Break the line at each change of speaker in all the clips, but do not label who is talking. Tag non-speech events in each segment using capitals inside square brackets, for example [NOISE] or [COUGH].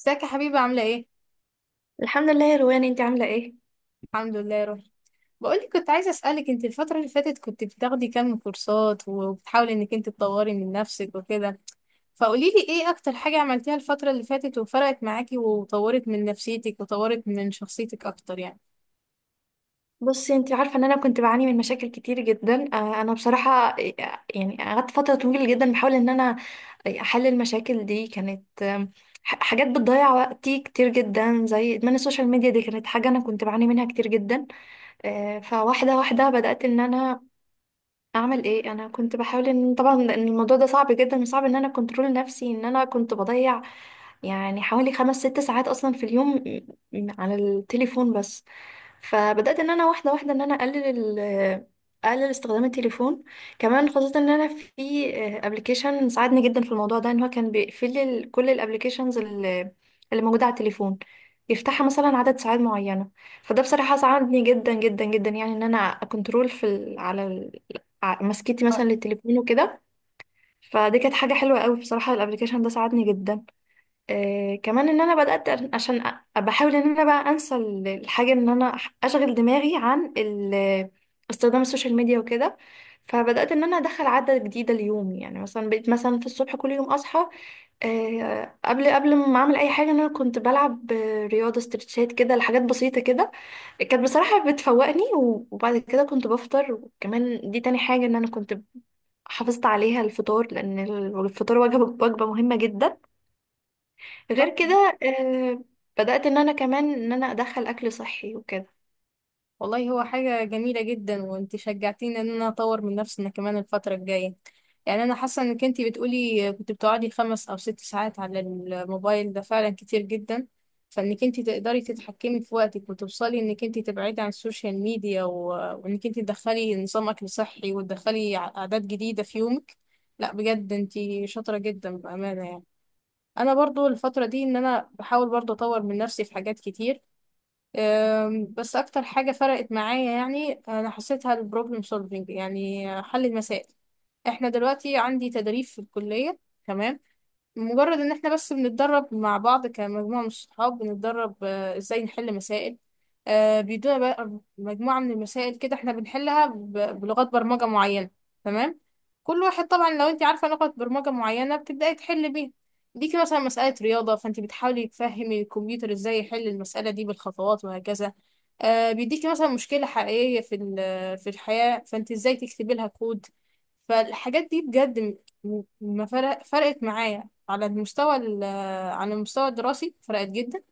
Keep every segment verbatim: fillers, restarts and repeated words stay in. ازيك يا حبيبة؟ عاملة ايه؟
الحمد لله يا روان، انت عامله ايه؟
الحمد لله يا روحي. بقولك كنت عايزة اسألك، انت الفترة اللي فاتت كنت بتاخدي كام كورسات وبتحاولي انك انت تطوري من نفسك وكده، فقوليلي ايه اكتر حاجة عملتيها الفترة اللي فاتت وفرقت معاكي وطورت من نفسيتك وطورت من شخصيتك اكتر يعني.
بصي، انت عارفه ان انا كنت بعاني من مشاكل كتير جدا. آه، انا بصراحه، آه، يعني قعدت فتره طويله جدا بحاول ان انا احل المشاكل دي. كانت آم، ح- حاجات بتضيع وقتي كتير جدا، زي ادمان السوشيال ميديا. دي كانت حاجه انا كنت بعاني منها كتير جدا. آه، فواحده واحده بدات ان انا اعمل ايه. انا كنت بحاول ان، طبعا، ان الموضوع ده صعب جدا، وصعب ان انا كنترول نفسي، ان انا كنت بضيع يعني حوالي خمس ست ساعات اصلا في اليوم م- م- على التليفون بس. فبدأت ان انا واحدة واحدة ان انا اقلل ال- اقلل استخدام التليفون. كمان خصوصا ان انا في ابلكيشن ساعدني جدا في الموضوع ده، ان هو كان بيقفل لي ال- كل الابلكيشنز اللي موجودة على التليفون، يفتحها مثلا عدد ساعات معينة. فده بصراحة ساعدني جدا جدا جدا، يعني ان انا اكنترول في ال... على ال... ع- مسكتي مثلا للتليفون وكده. فدي كانت حاجة حلوة قوي بصراحة. الابلكيشن ده ساعدني جدا. آه كمان ان انا بدات، أ- عشان أ- بحاول ان انا بقى انسى ال- الحاجه، ان انا أح- اشغل دماغي عن ال- استخدام السوشيال ميديا وكده. فبدات ان انا ادخل عاده جديده ليومي. يعني مثلا بقيت مثلا في الصبح كل يوم اصحى، آه قبل قبل ما اعمل اي حاجه، ان انا كنت بلعب آه، رياضه، استرتشات كده، لحاجات بسيطه كده كانت بصراحه بتفوقني. و- وبعد كده كنت بفطر. وكمان دي تاني حاجه ان انا كنت حافظت عليها، الفطار، لان الفطار وجبه وجبه مهمه جدا. غير كده آه، بدأت ان انا كمان ان انا ادخل اكل صحي وكده.
والله هو حاجة جميلة جدا، وانت شجعتيني ان انا اطور من نفسي انا كمان الفترة الجاية. يعني انا حاسة انك انت بتقولي كنت بتقعدي خمس او ست ساعات على الموبايل، ده فعلا كتير جدا. فانك انت تقدري تتحكمي في وقتك وتوصلي انك انت تبعدي عن السوشيال ميديا و... وانك انت تدخلي نظام اكل صحي وتدخلي ع- عادات جديدة في يومك، لا بجد انت شاطرة جدا بأمانة يعني. انا برضو الفترة دي ان انا بحاول برضو اطور من نفسي في حاجات كتير. أم، بس اكتر حاجه فرقت معايا يعني انا حسيتها البروبلم سولفينج، يعني حل المسائل. احنا دلوقتي عندي تدريب في الكليه، تمام؟ مجرد ان احنا بس بنتدرب مع بعض كمجموعة من الصحاب، بنتدرب آه، ازاي نحل مسائل. آه، بيدونا بقى مجموعة من المسائل كده، احنا بنحلها ب- بلغات برمجة معينة، تمام؟ كل واحد طبعا لو انت عارفة لغة برمجة معينة بتبدأي تحل بيها. ليكي مثلا مسألة رياضة، فانت بتحاولي تفهمي الكمبيوتر ازاي يحل المسألة دي بالخطوات وهكذا. آه، بيديكي مثلا مشكلة حقيقية في ال- في الحياة، فانت ازاي تكتبي لها كود؟ فالحاجات دي بجد م- ما فرق فرقت معايا على المستوى ال- على المستوى الدراسي، فرقت جدا.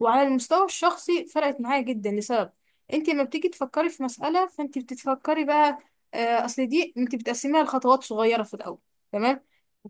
وعلى المستوى الشخصي فرقت معايا جدا، لسبب: انت لما بتيجي تفكري في مسألة، فانت بتتفكري بقى، آه، اصل دي انت بتقسميها لخطوات صغيرة في الاول، تمام؟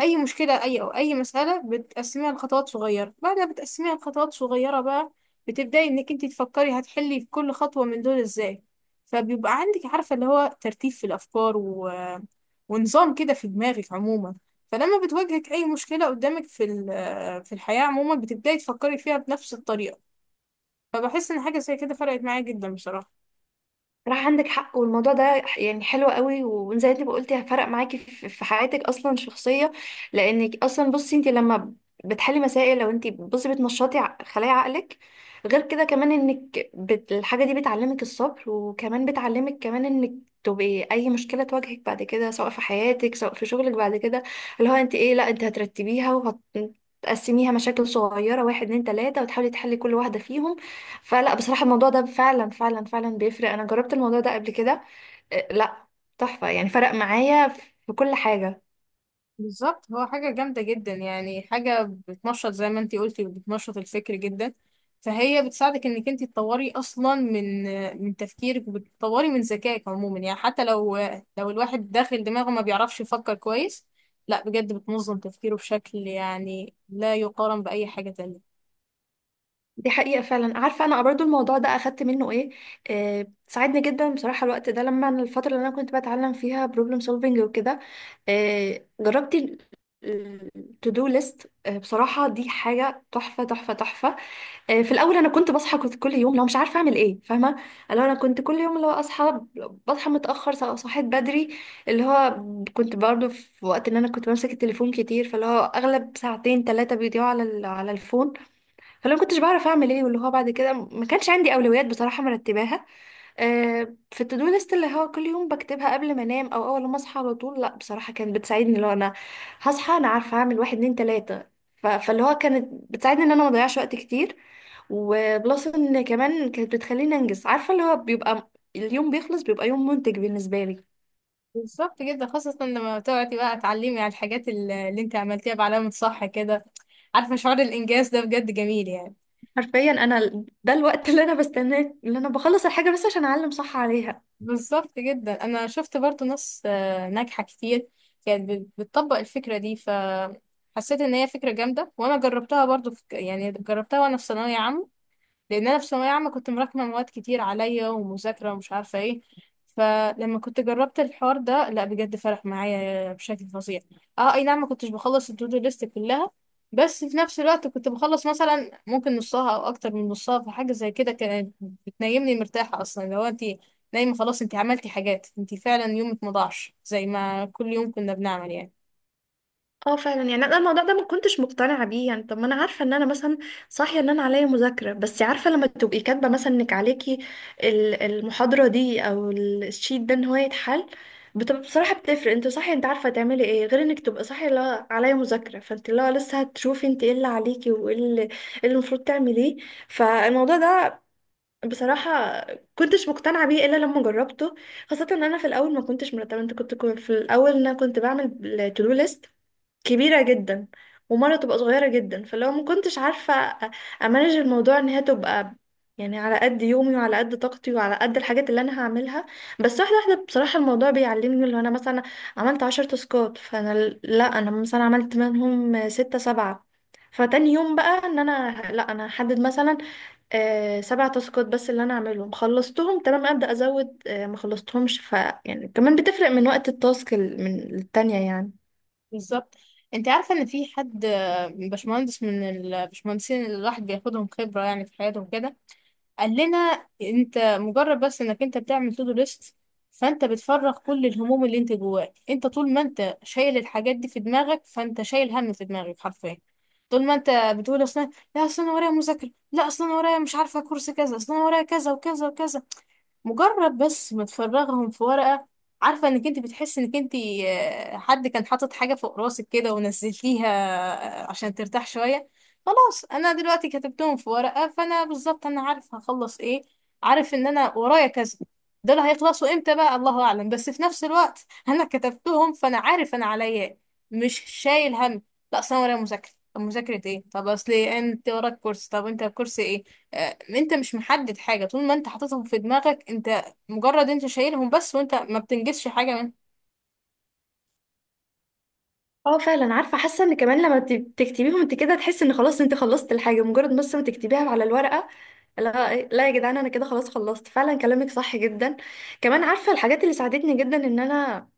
اي مشكله اي او اي مساله بتقسميها لخطوات صغيره، بعدها بتقسميها لخطوات صغيره بقى، بتبداي انك انت تفكري هتحلي في كل خطوه من دول ازاي. فبيبقى عندك عارفه اللي هو ترتيب في الافكار و... ونظام كده في دماغك عموما. فلما بتواجهك أي مشكلة قدامك في ال- في الحياة عموما، بتبدأي تفكري فيها بنفس الطريقة. فبحس إن حاجة زي كده فرقت معايا جدا بصراحة.
راح، عندك حق. والموضوع ده يعني حلو قوي، وزي انت ما قلتي، هفرق معاكي في في حياتك اصلا، شخصيه. لانك اصلا بصي، انت لما بتحلي مسائل، لو انت بصي بتنشطي ع- خلايا عقلك. غير كده كمان انك بت... الحاجه دي بتعلمك الصبر. وكمان بتعلمك كمان انك تبقي اي مشكله تواجهك بعد كده، سواء في حياتك سواء في شغلك بعد كده، اللي هو انت ايه، لا انت هترتبيها وهتقسميها مشاكل صغيره: واحد، اتنين، تلاته، وتحاولي تحلي كل واحده فيهم. فلا، بصراحة الموضوع ده فعلا فعلا فعلا بيفرق. أنا جربت الموضوع ده قبل كده. آه، لا، تحفة يعني. فرق معايا في كل حاجة.
بالظبط، هو حاجة جامدة جدا، يعني حاجة بتنشط زي ما انتي قلتي، بتنشط الفكر جدا. فهي بتساعدك انك انتي تطوري اصلا من من تفكيرك، وبتطوري من ذكائك عموما. يعني حتى لو لو الواحد داخل دماغه ما بيعرفش يفكر كويس، لا بجد بتنظم تفكيره بشكل يعني لا يقارن بأي حاجة تانية.
دي حقيقة، فعلا. عارفة، أنا برضو الموضوع ده أخدت منه إيه؟ آه، ساعدني جدا بصراحة. الوقت ده، لما أنا الفترة اللي أنا كنت بتعلم فيها بروبلم سولفينج وكده، آه، جربت التو دو ليست. بصراحة دي حاجة تحفة تحفة تحفة. آه، في الاول انا كنت بصحى، كنت كل يوم لو مش عارفه اعمل ايه، فاهمه، اللي هو انا كنت كل يوم، اللي هو اصحى، بصحى متاخر، سواء صحيت بدري، اللي هو كنت برضو في وقت ان انا كنت بمسك التليفون كتير. فاللي هو اغلب ساعتين ثلاثه بيضيعوا على ال- على الفون. فلو ما كنتش بعرف اعمل ايه، واللي هو بعد كده ما كانش عندي اولويات بصراحه مرتباها. آه، في التودو ليست، اللي هو كل يوم بكتبها قبل ما انام، او اول ما اصحى على طول، لا بصراحه كانت بتساعدني. لو انا هصحى انا عارفه اعمل واحد، اتنين، تلاته. ف- فاللي هو كانت بتساعدني ان انا ما اضيعش وقت كتير. وبلس ان كمان كانت بتخليني انجز، عارفه اللي هو بيبقى، م- اليوم بيخلص، بيبقى يوم منتج بالنسبه لي.
بالظبط جدا، خاصة لما تقعدي بقى تعلمي على الحاجات ال- اللي انت عملتيها بعلامة صح كده. عارفة شعور الإنجاز ده بجد جميل يعني.
حرفيا انا ال- ده الوقت اللي انا بستناه، اللي انا بخلص الحاجه بس عشان اعلم صح عليها.
بالظبط جدا، أنا شفت برضو ناس آه، ناجحة كتير كانت بت- بتطبق الفكرة دي، فحسيت إن هي فكرة جامدة. وأنا جربتها برضو في... يعني جربتها وأنا في ثانوية عامة. لان انا في ثانويه عامه كنت مراكمه مواد كتير عليا ومذاكره ومش عارفه ايه، فلما كنت جربت الحوار ده لا بجد فرق معايا بشكل فظيع. اه، اي نعم، ما كنتش بخلص التودو ليست كلها، بس في نفس الوقت كنت بخلص مثلا ممكن نصها او اكتر من نصها، فحاجه زي كده كانت بتنيمني مرتاحه. اصلا لو انت نايمه خلاص، انت عملتي حاجات، انت فعلا يومك ما ضاعش زي ما كل يوم كنا بنعمل يعني.
اه فعلا. يعني انا الموضوع ده ما كنتش مقتنعه بيه. يعني طب، ما انا عارفه ان انا مثلا صاحيه ان انا عليا مذاكره. بس عارفه لما تبقي كاتبه مثلا انك عليكي ال- المحاضره دي او ال- الشيت ده، ان هو يتحل، بتبقى بصراحه بتفرق. انت صاحيه، انت عارفه تعملي ايه. غير انك تبقى صاحيه لا عليا مذاكره، فانت لا لسه هتشوفي انت ايه اللي عليكي وايه اللي إيه اللي المفروض تعمليه. فالموضوع ده بصراحه كنتش مقتنعه بيه الا لما جربته. خاصه ان انا في الاول ما كنتش مرتبه. انت كنت كنت في الاول، إن انا كنت بعمل تو دو ليست كبيرة جدا، ومرة تبقى صغيرة جدا. فلو ما كنتش عارفة أ- امانج الموضوع، ان هي تبقى يعني على قد يومي وعلى قد طاقتي وعلى قد الحاجات اللي انا هعملها. بس واحدة واحدة بصراحة الموضوع بيعلمني، اللي انا مثلا عملت عشر تاسكات، فانا ال- لا، انا مثلا عملت منهم ستة سبعة. فتاني يوم بقى ان انا لا، انا هحدد مثلا آه، سبع تاسكات بس اللي انا اعملهم، خلصتهم تمام، ابدا ازود، آه، ما خلصتهمش. ف يعني كمان بتفرق من وقت التاسك ال- من التانية يعني.
بالظبط. انت عارفه ان في حد، باشمهندس من الباشمهندسين اللي الواحد بياخدهم خبره يعني في حياته وكده، قال لنا: انت مجرد بس انك انت بتعمل تو دو ليست، فانت بتفرغ كل الهموم اللي انت جواك. انت طول ما انت شايل الحاجات دي في دماغك، فانت شايل هم في دماغك حرفيا. طول ما انت بتقول اصلا لا اصل انا ورايا مذاكره، لا اصل انا ورايا مش عارفه كورس كذا، اصل انا ورايا كذا وكذا وكذا، مجرد بس ما تفرغهم في ورقة، عارفة انك انت بتحس انك انت، آه، حد كان حاطط حاجة فوق راسك كده ونزلتيها، آه، عشان ترتاح شوية. خلاص انا دلوقتي كتبتهم في ورقة، فانا بالظبط انا عارف هخلص ايه، عارف ان انا ورايا كذا، دول هيخلصوا امتى بقى الله اعلم، بس في نفس الوقت انا كتبتهم فانا عارف انا عليا إيه. مش شايل هم. لا اصل انا ورايا مذاكرة، طب مذاكرة ايه؟ طب اصل إيه؟ انت وراك كورس، طب انت الكورس ايه؟ آه، انت مش محدد حاجة. طول ما انت حاططهم في دماغك، انت مجرد انت شايلهم بس، وانت ما بتنجزش حاجة منهم.
اه فعلا. عارفه، حاسه ان كمان لما ت- تكتبيهم انت كده تحسي ان خلاص انت خلصت الحاجه، مجرد بس ما تكتبيها على الورقه. لا لا يا جدعان، انا كده خلاص خلصت فعلا. كلامك صح جدا. كمان عارفه الحاجات اللي ساعدتني جدا ان انا،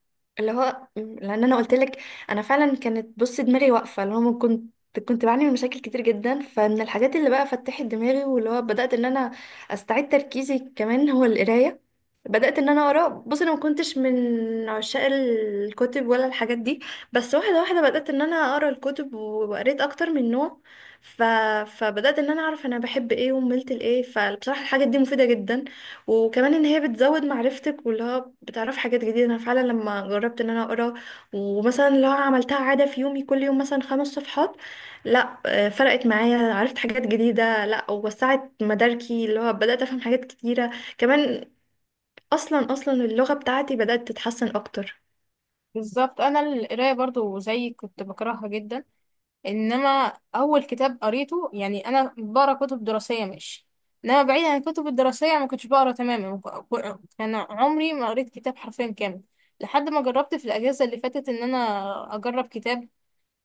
اللي هو م- لان انا قلت لك، انا فعلا كانت بص دماغي واقفه، اللي هو من كنت كنت بعاني من مشاكل كتير جدا. فمن الحاجات اللي بقى فتحت دماغي، واللي هو بدات ان انا استعيد تركيزي، كمان هو القرايه. بدأت ان انا اقرا. بص انا ما كنتش من عشاق الكتب ولا الحاجات دي. بس واحده واحده بدأت ان انا اقرا الكتب، وقريت اكتر من نوع. ف... فبدأت ان انا اعرف انا بحب ايه وملت لايه. فبصراحه الحاجات دي مفيده جدا. وكمان ان هي بتزود معرفتك، واللي هو بتعرف حاجات جديده. انا فعلا لما جربت ان انا اقرا، ومثلا لو عملتها عاده في يومي، كل يوم مثلا خمس صفحات، لا آه، فرقت معايا. عرفت حاجات جديده، لا ووسعت مداركي، اللي هو بدأت افهم حاجات كتيره كمان. اصلا اصلا اللغه بتاعتي بدات تتحسن اكتر.
بالظبط. انا القراية برضو زي، كنت بكرهها جدا. انما اول كتاب قريته، يعني انا بقرا كتب دراسية ماشي، انما بعيد عن الكتب الدراسية ما كنتش بقرا تماما، ك- كان عمري ما قريت كتاب حرفيا كامل، لحد ما جربت في الاجازة اللي فاتت ان انا اجرب كتاب.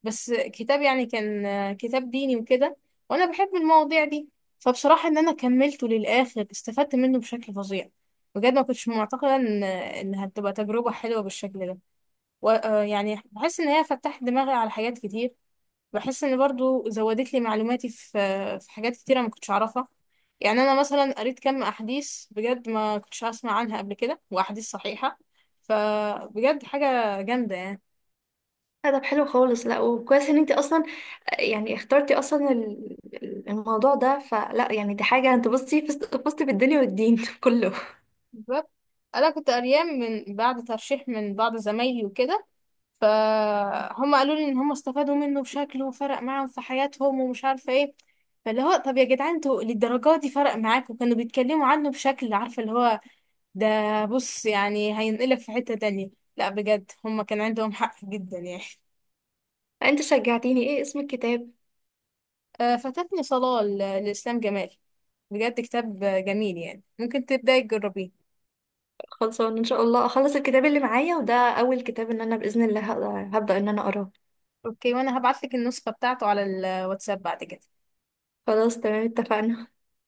بس كتاب يعني، كان كتاب ديني وكده، وانا بحب المواضيع دي. فبصراحة ان انا كملته للاخر، استفدت منه بشكل فظيع. بجد ما كنتش معتقدة ان ان هتبقى تجربة حلوة بالشكل ده. و... آه، يعني بحس ان هي فتحت دماغي على حاجات كتير. بحس ان برضو زودت لي معلوماتي في في حاجات كتيرة ما كنتش اعرفها. يعني انا مثلا قريت كم احاديث بجد ما كنتش اسمع عنها قبل كده، واحاديث صحيحة. فبجد حاجة جامدة يعني.
لا، طب حلو خالص. لا وكويس ان انت اصلا يعني اخترتي اصلا ال- ال- الموضوع ده. فلا يعني دي حاجه، انت بصي فزت فزت بالدنيا والدين [LAUGHS] كله.
بالظبط. انا كنت قريان من بعد ترشيح من بعض زمايلي وكده، فهم قالوا لي ان هم استفادوا منه بشكله وفرق معاهم في حياتهم ومش عارفه ايه. فاللي هو طب يا جدعان انتوا للدرجه دي فرق معاكم؟ كانوا بيتكلموا عنه بشكل عارفه اللي هو ده، بص يعني هينقلك في حته تانية. لا بجد هم كان عندهم حق جدا يعني.
انت شجعتيني، ايه اسم الكتاب؟
آه، فاتتني صلاه، ل- لاسلام جمال. بجد كتاب جميل يعني، ممكن تبداي تجربيه.
خلصان، ان شاء الله اخلص الكتاب اللي معايا، وده اول كتاب ان انا باذن الله هبدا هبدأ ان انا اقراه.
اوكي، وانا هبعتلك النسخه بتاعته على الواتساب بعد كده.
خلاص تمام، اتفقنا.